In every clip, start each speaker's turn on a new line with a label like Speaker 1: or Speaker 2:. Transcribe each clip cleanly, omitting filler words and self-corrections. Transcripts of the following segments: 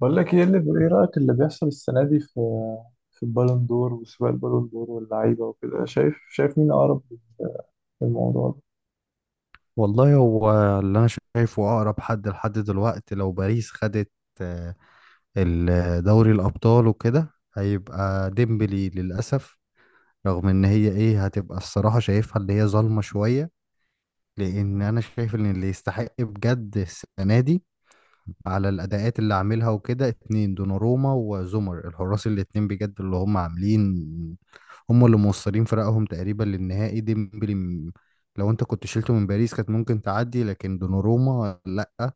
Speaker 1: بقول لك ايه رأيك اللي بيحصل السنة دي في البالون دور وسباق البالون دور واللعيبة وكده شايف مين أقرب للموضوع ده.
Speaker 2: والله هو اللي انا شايفه اقرب حد لحد دلوقتي، لو باريس خدت آه، دوري الابطال وكده هيبقى ديمبلي للاسف. رغم ان هي ايه، هتبقى الصراحه شايفها اللي هي ظالمه شويه، لان انا شايف ان اللي يستحق بجد السنه دي على الاداءات اللي عاملها وكده اتنين، دوناروما وزومر، الحراس الاتنين بجد اللي هم عاملين، هم اللي موصلين فرقهم تقريبا للنهائي. ديمبلي لو انت كنت شلته من باريس كانت ممكن تعدي، لكن دوناروما لا،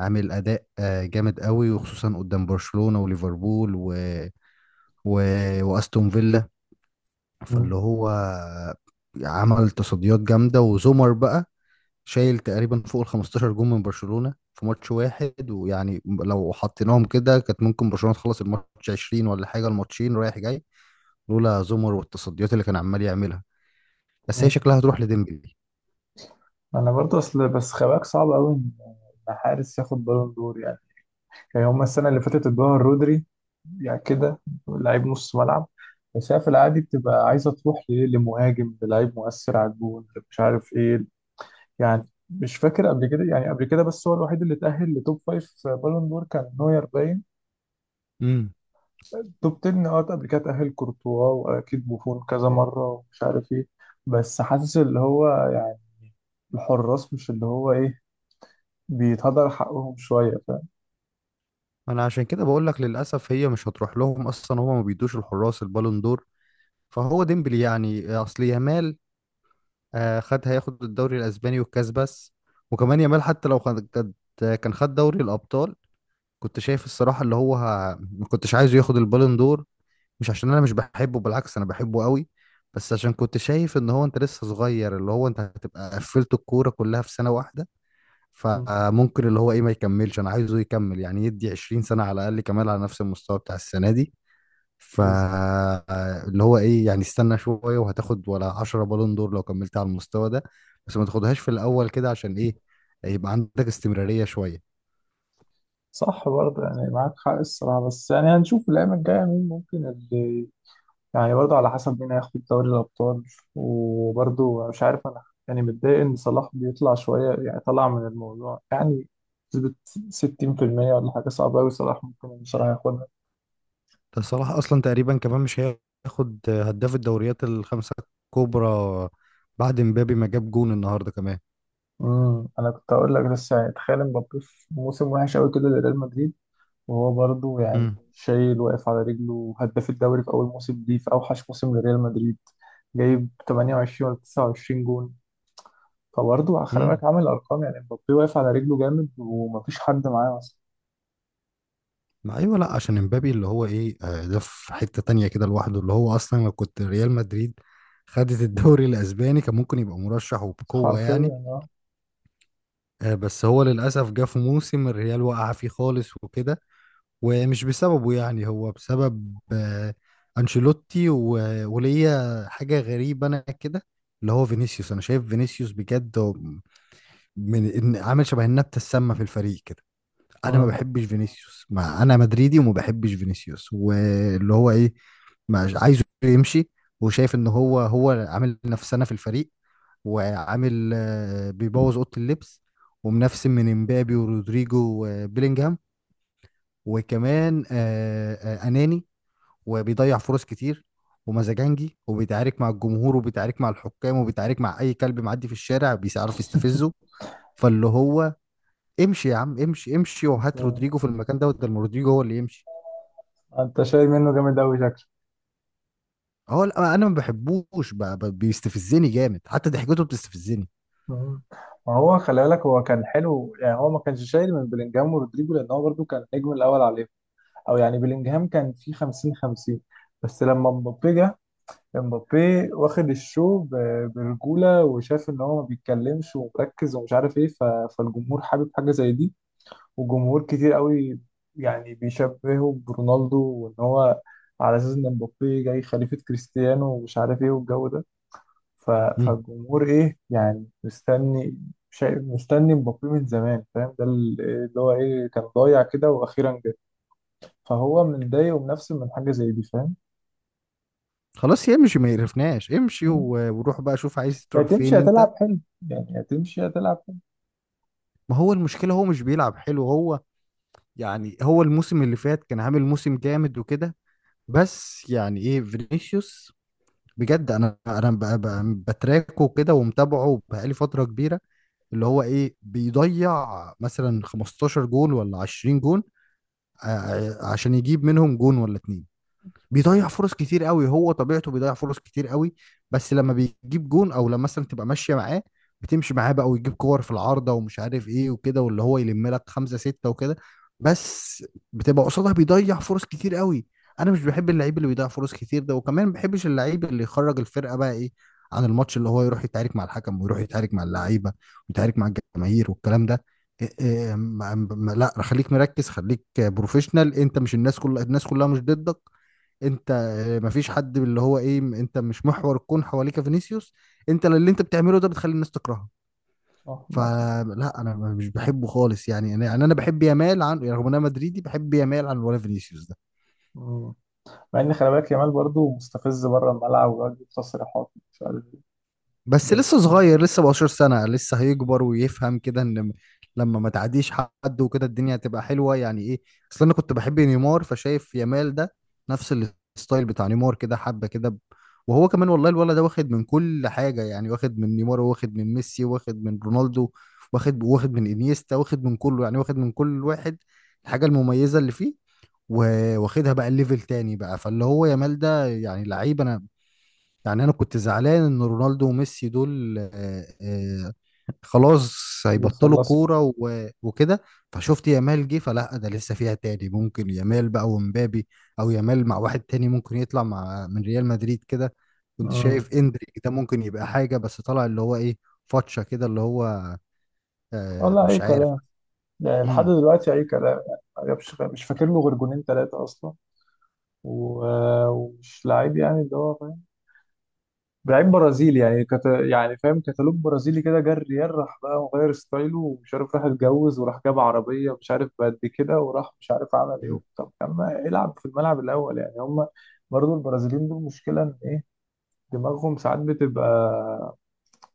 Speaker 2: عامل اداء جامد قوي، وخصوصا قدام برشلونة وليفربول و... واستون فيلا. فاللي
Speaker 1: مم.
Speaker 2: هو عمل تصديات جامدة. وزومر بقى شايل تقريبا فوق ال 15 جون من برشلونة في ماتش واحد، ويعني لو حطيناهم كده كانت ممكن برشلونة تخلص الماتش 20 ولا حاجة، الماتشين رايح جاي، لولا زومر والتصديات اللي كان عمال يعملها. بس هي
Speaker 1: مم.
Speaker 2: شكلها هتروح لديمبلي.
Speaker 1: أنا برضه أصل بس خباك صعب أوي إن حارس ياخد بالون دور يعني. يعني هما السنة اللي فاتت ادوها رودري، يعني كده لعيب نص ملعب. بس هي في العادي بتبقى عايزة تروح لإيه، لمهاجم، للعيب مؤثر على الجون، مش عارف إيه. يعني مش فاكر قبل كده بس هو الوحيد اللي اتأهل لتوب فايف في بالون دور كان نوير، باين
Speaker 2: امم،
Speaker 1: توب 10، اه، قبل كده تأهل كورتوا واكيد بوفون كذا مره ومش عارف ايه. بس حاسس اللي هو يعني الحراس مش اللي هو ايه، بيتهدر حقهم شويه، فاهم.
Speaker 2: انا عشان كده بقول لك للاسف هي مش هتروح لهم اصلا، هما ما بيدوش الحراس البالون دور. فهو ديمبلي يعني. اصل يامال خد، هياخد الدوري الاسباني والكاس بس. وكمان يامال حتى لو خد، كان خد دوري الابطال، كنت شايف الصراحة اللي هو ما كنتش عايزه ياخد البالون دور. مش عشان انا مش بحبه، بالعكس انا بحبه قوي، بس عشان كنت شايف ان هو انت لسه صغير، اللي هو انت هتبقى قفلت الكورة كلها في سنة واحدة،
Speaker 1: مم.
Speaker 2: فممكن اللي هو ايه ما يكملش. انا عايزه يكمل، يعني يدي 20 سنة على الاقل كمان على نفس المستوى بتاع السنة دي. ف
Speaker 1: بالظبط.
Speaker 2: اللي هو ايه، يعني استنى شوية وهتاخد ولا 10 بالون دور لو كملت على المستوى ده، بس ما تاخدهاش في الاول كده عشان ايه، يبقى عندك استمرارية شوية.
Speaker 1: صح، برضه يعني معاك حق الصراحه، بس يعني هنشوف الايام الجايه مين ممكن اللي، يعني برضه على حسب مين هياخد دوري الابطال. وبرضه مش عارف انا، يعني متضايق ان صلاح بيطلع شويه، يعني طلع من الموضوع يعني بنسبه 60% ولا حاجه، صعبه قوي صلاح ممكن بصراحه ياخدها.
Speaker 2: ده صلاح اصلا تقريبا كمان مش هياخد هداف الدوريات الخمسه الكبرى، بعد مبابي ما جاب جون النهارده كمان.
Speaker 1: انا كنت هقول لك بس يعني تخيل مبابي في موسم وحش قوي كده لريال مدريد، وهو برضه يعني
Speaker 2: امم.
Speaker 1: شايل، واقف على رجله، هداف الدوري في اول موسم ليه في اوحش موسم لريال مدريد، جايب 28 ولا 29 جون، فبرضه خلي
Speaker 2: امم،
Speaker 1: بالك عامل ارقام يعني، مبابي واقف على رجله جامد ومفيش حد معاه اصلا.
Speaker 2: ما ايوه، لا، عشان مبابي اللي هو ايه، ده في حته تانية كده لوحده، اللي هو اصلا لو كنت ريال مدريد خدت الدوري الاسباني كان ممكن يبقى مرشح وبقوه يعني.
Speaker 1: حرفيا اه.
Speaker 2: بس هو للاسف جه في موسم الريال وقع فيه خالص وكده، ومش بسببه يعني، هو بسبب انشيلوتي. وليا حاجه غريبه انا كده، اللي هو فينيسيوس. انا شايف فينيسيوس بجد هو من عامل شبه النبته السامه في الفريق كده. انا ما
Speaker 1: امم
Speaker 2: بحبش فينيسيوس، ما انا مدريدي وما بحبش فينيسيوس، واللي هو ايه، ما عايزه يمشي. وشايف ان هو عامل نفسنا في الفريق، وعامل بيبوظ اوضه اللبس، ومنفسن من امبابي ورودريجو وبيلينجهام، وكمان اناني، وبيضيع فرص كتير، ومزاجنجي، وبيتعارك مع الجمهور، وبيتعارك مع الحكام، وبيتعارك مع اي كلب معدي في الشارع بيعرف يستفزه. فاللي هو امشي يا عم، امشي امشي،
Speaker 1: انت
Speaker 2: وهات رودريجو في المكان دوت ده، رودريجو هو اللي يمشي.
Speaker 1: انت شايل منه جامد قوي شكله.
Speaker 2: هو لا، انا ما بحبوش، بيستفزني جامد، حتى ضحكته بتستفزني.
Speaker 1: مم. ما هو خلي بالك، هو كان حلو يعني، هو ما كانش شايل من بلينجهام ورودريجو لان هو برضه كان النجم الاول عليهم، او يعني بلينجهام كان في 50 50. بس لما مبابي جه، مبابي واخد الشو برجوله، وشاف ان هو ما بيتكلمش ومركز ومش عارف ايه، فالجمهور حابب حاجه زي دي، وجمهور كتير قوي يعني بيشبهه برونالدو، وان هو على اساس ان مبابي جاي خليفه كريستيانو ومش عارف ايه والجو ده.
Speaker 2: مم.
Speaker 1: فالجمهور ايه، يعني مستني. شايف مستني مبابي من زمان، فاهم، ده اللي هو ايه كان ضايع كده واخيرا جه. فهو متضايق ومنفسن من حاجة زي دي، فاهم.
Speaker 2: خلاص يمشي ما يقرفناش، امشي وروح بقى شوف عايز
Speaker 1: يا
Speaker 2: تروح فين
Speaker 1: تمشي
Speaker 2: انت.
Speaker 1: هتلعب حلو يا تمشي هتلعب حلو.
Speaker 2: ما هو المشكلة هو مش بيلعب حلو. هو يعني هو الموسم اللي فات كان عامل موسم جامد وكده، بس يعني ايه، فينيسيوس بجد انا بتراكه كده ومتابعه بقالي فتره كبيره، اللي هو ايه، بيضيع مثلا 15 جون ولا 20 جون عشان يجيب منهم جون ولا اتنين. بيضيع فرص كتير قوي، هو طبيعته بيضيع فرص كتير قوي. بس لما بيجيب جون، او لما مثلا تبقى ماشيه معاه، بتمشي معاه بقى ويجيب كور في العارضه ومش عارف ايه وكده، واللي هو يلم لك خمسه سته وكده، بس بتبقى قصادها بيضيع فرص كتير قوي. انا مش بحب اللعيب اللي بيضيع فرص كتير ده، وكمان ما بحبش اللعيب اللي يخرج الفرقه بقى ايه عن الماتش، اللي هو يروح يتعارك مع الحكم، ويروح يتعارك مع اللعيبه، ويتعارك مع الجماهير والكلام ده. إيه إيه إيه، لا خليك مركز، خليك بروفيشنال، انت مش الناس كلها، الناس كلها مش ضدك، انت مفيش حد اللي هو ايه، انت مش محور الكون حواليك فينيسيوس، انت اللي انت بتعمله ده بتخلي الناس تكرهه.
Speaker 1: صح معاك حق.
Speaker 2: فلا انا مش بحبه خالص يعني. انا يعني انا بحب يامال عن، يعني رغم ان انا مدريدي بحب يامال عن ولا فينيسيوس ده.
Speaker 1: مم. مع ان خلي بالك يامال برضه مستفز بره الملعب، ويقعد يجيب تصريحات مش عارف ايه،
Speaker 2: بس
Speaker 1: بس
Speaker 2: لسه
Speaker 1: يعني
Speaker 2: صغير، لسه 17 سنة، لسه هيكبر ويفهم كده ان لما ما تعديش حد وكده الدنيا هتبقى حلوة يعني ايه. اصل انا كنت بحب نيمار، فشايف يامال ده نفس الستايل بتاع نيمار كده، حبة كده وهو كمان والله الولد ده واخد من كل حاجة، يعني واخد من نيمار، واخد من ميسي، واخد من رونالدو، واخد من انيستا، واخد من كله يعني، واخد من كل واحد الحاجة المميزة اللي فيه، واخدها بقى الليفل تاني بقى. فاللي هو يامال ده يعني لعيب. انا يعني انا كنت زعلان ان رونالدو وميسي دول خلاص هيبطلوا
Speaker 1: بيخلصها.
Speaker 2: كوره وكده، فشفت يامال جه فلا ده لسه فيها تاني، ممكن يامال بقى ومبابي، او يامال مع واحد تاني ممكن يطلع مع من ريال مدريد كده. كنت
Speaker 1: امم
Speaker 2: شايف اندريك ده ممكن يبقى حاجه، بس طلع اللي هو ايه فاتشه كده، اللي هو
Speaker 1: والله اي
Speaker 2: مش عارف.
Speaker 1: كلام، يعني لحد
Speaker 2: امم.
Speaker 1: دلوقتي اي كلام، يعني ما جابش مش فاكر له غير جونين ثلاثة اصلا. ومش لعيب يعني، اللي هو لعيب برازيلي يعني يعني فاهم، كتالوج برازيلي كده. جه الريال راح بقى مغير ستايله ومش عارف، راح اتجوز، وراح جاب عربية مش عارف بقد كده، وراح مش عارف عمل ايه وبتاع. طب كان ما يلعب في الملعب الأول، يعني هم برضو البرازيليين دول مشكلة ان ايه، دماغهم ساعات بتبقى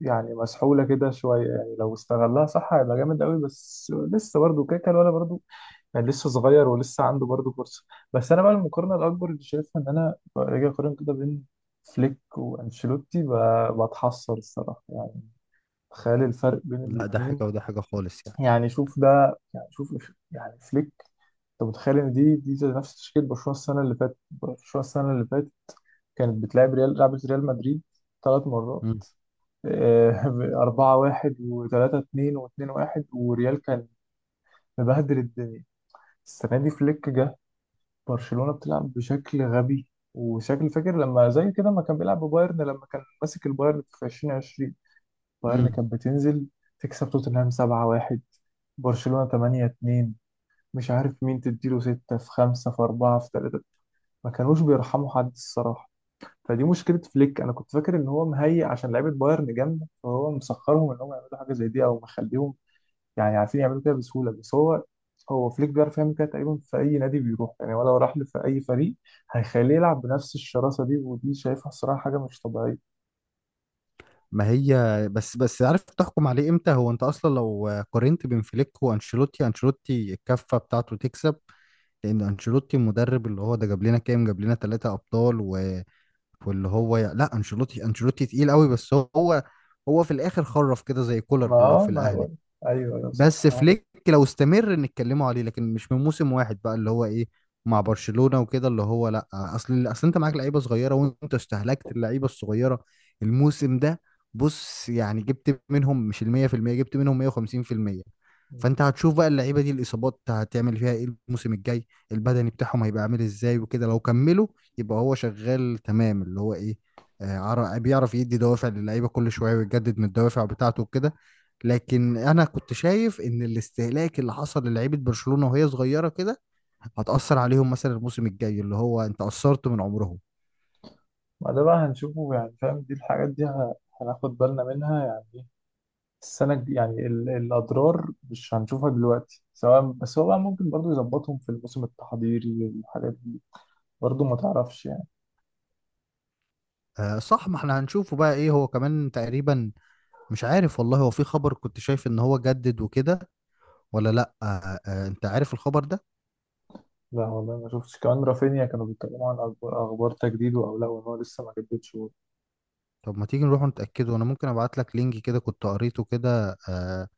Speaker 1: يعني مسحولة كده شوية، يعني لو استغلها صح هيبقى جامد قوي، بس لسه برضو كده كده، ولا برضو يعني لسه صغير ولسه عنده برضه فرصه. بس انا بقى المقارنه الاكبر اللي شايفها، ان انا راجع اقارن كده بين فليك وانشيلوتي، بتحسر الصراحه يعني. تخيل الفرق بين
Speaker 2: لا ده حاجه
Speaker 1: الاثنين.
Speaker 2: وده حاجه خالص يعني.
Speaker 1: يعني شوف ده، يعني شوف يعني فليك. انت متخيل ان دي زي نفس تشكيله برشلونه السنه اللي فاتت كانت بتلعب ريال لعبت ريال مدريد ثلاث مرات. 4-1، وثلاثة اتنين، واتنين واحد، وريال كان مبهدل الدنيا. السنة دي فليك جه، برشلونة بتلعب بشكل غبي، وشكل فاكر لما زي كده ما كان بيلعب ببايرن، لما كان ماسك البايرن في 2020. بايرن
Speaker 2: امم.
Speaker 1: كانت بتنزل تكسب توتنهام 7-1، برشلونة 8-2، مش عارف مين تديله 6 في 5 في 4 في 3، ما كانوش بيرحموا حد الصراحة. فدي مشكلة فليك. أنا كنت فاكر إن هو مهيئ عشان لعيبة بايرن جامدة، فهو مسخرهم إن هم يعملوا حاجة زي دي، أو مخليهم يعني عارفين يعملوا كده بسهوله. بس هو فليك بيعرف يعمل كده تقريبا في اي نادي بيروح، يعني ولو راح له في اي فريق هيخليه يلعب بنفس الشراسه دي، ودي شايفها الصراحه حاجه مش طبيعيه.
Speaker 2: ما هي، بس عارف تحكم عليه امتى؟ هو انت اصلا لو قارنت بين فليك وانشيلوتي، انشيلوتي الكفه بتاعته تكسب، لان انشيلوتي المدرب اللي هو ده جاب لنا كام، جاب لنا ثلاثة ابطال واللي هو لا، انشيلوتي تقيل قوي، بس هو هو في الاخر خرف كده زي كولر لو في
Speaker 1: ما انا
Speaker 2: الاهلي.
Speaker 1: بقول، ايوه ايوه صح
Speaker 2: بس
Speaker 1: اه.
Speaker 2: فليك لو استمر نتكلموا عليه، لكن مش من موسم واحد بقى اللي هو ايه مع برشلونة وكده. اللي هو لا، اصل انت معاك لعيبة صغيرة وانت استهلكت اللعيبة الصغيرة الموسم ده. بص يعني جبت منهم مش ال 100%، جبت منهم 150%،
Speaker 1: مم.
Speaker 2: فانت هتشوف بقى اللعيبة دي الاصابات هتعمل فيها ايه الموسم الجاي، البدني بتاعهم هيبقى عامل ازاي وكده لو كملوا. يبقى هو شغال تمام اللي هو ايه، بيعرف يدي دوافع للعيبة كل شوية ويجدد من الدوافع بتاعته وكده. لكن انا كنت شايف ان الاستهلاك اللي حصل للعيبه برشلونه وهي صغيره كده هتأثر عليهم مثلا الموسم الجاي، اللي هو انت قصرت من عمرهم.
Speaker 1: ما ده بقى هنشوفه يعني، فاهم، دي الحاجات دي هناخد بالنا منها يعني إيه؟ السنة الج- يعني ال- الأضرار مش هنشوفها دلوقتي سواء، بس هو بقى ممكن برضه يظبطهم في الموسم التحضيري الحاجات دي، برضه ما تعرفش يعني.
Speaker 2: آه صح، ما احنا هنشوفه بقى ايه، هو كمان تقريبا مش عارف والله. هو في خبر كنت شايف ان هو جدد وكده ولا لا، آه آه انت عارف الخبر ده؟
Speaker 1: لا والله ما شفتش، كمان رافينيا كانوا بيتكلموا عن أخبار تجديده أو لا، وإن هو لسه ما جددش.
Speaker 2: طب ما تيجي نروح نتأكده، انا ممكن ابعت لك لينك كده كنت قريته كده آه،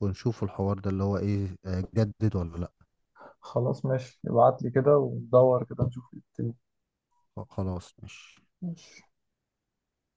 Speaker 2: ونشوف الحوار ده اللي هو ايه، آه جدد ولا لا.
Speaker 1: خلاص ماشي، ابعت لي كده وندور كده نشوف إيه الدنيا.
Speaker 2: خلاص ماشي.
Speaker 1: ماشي.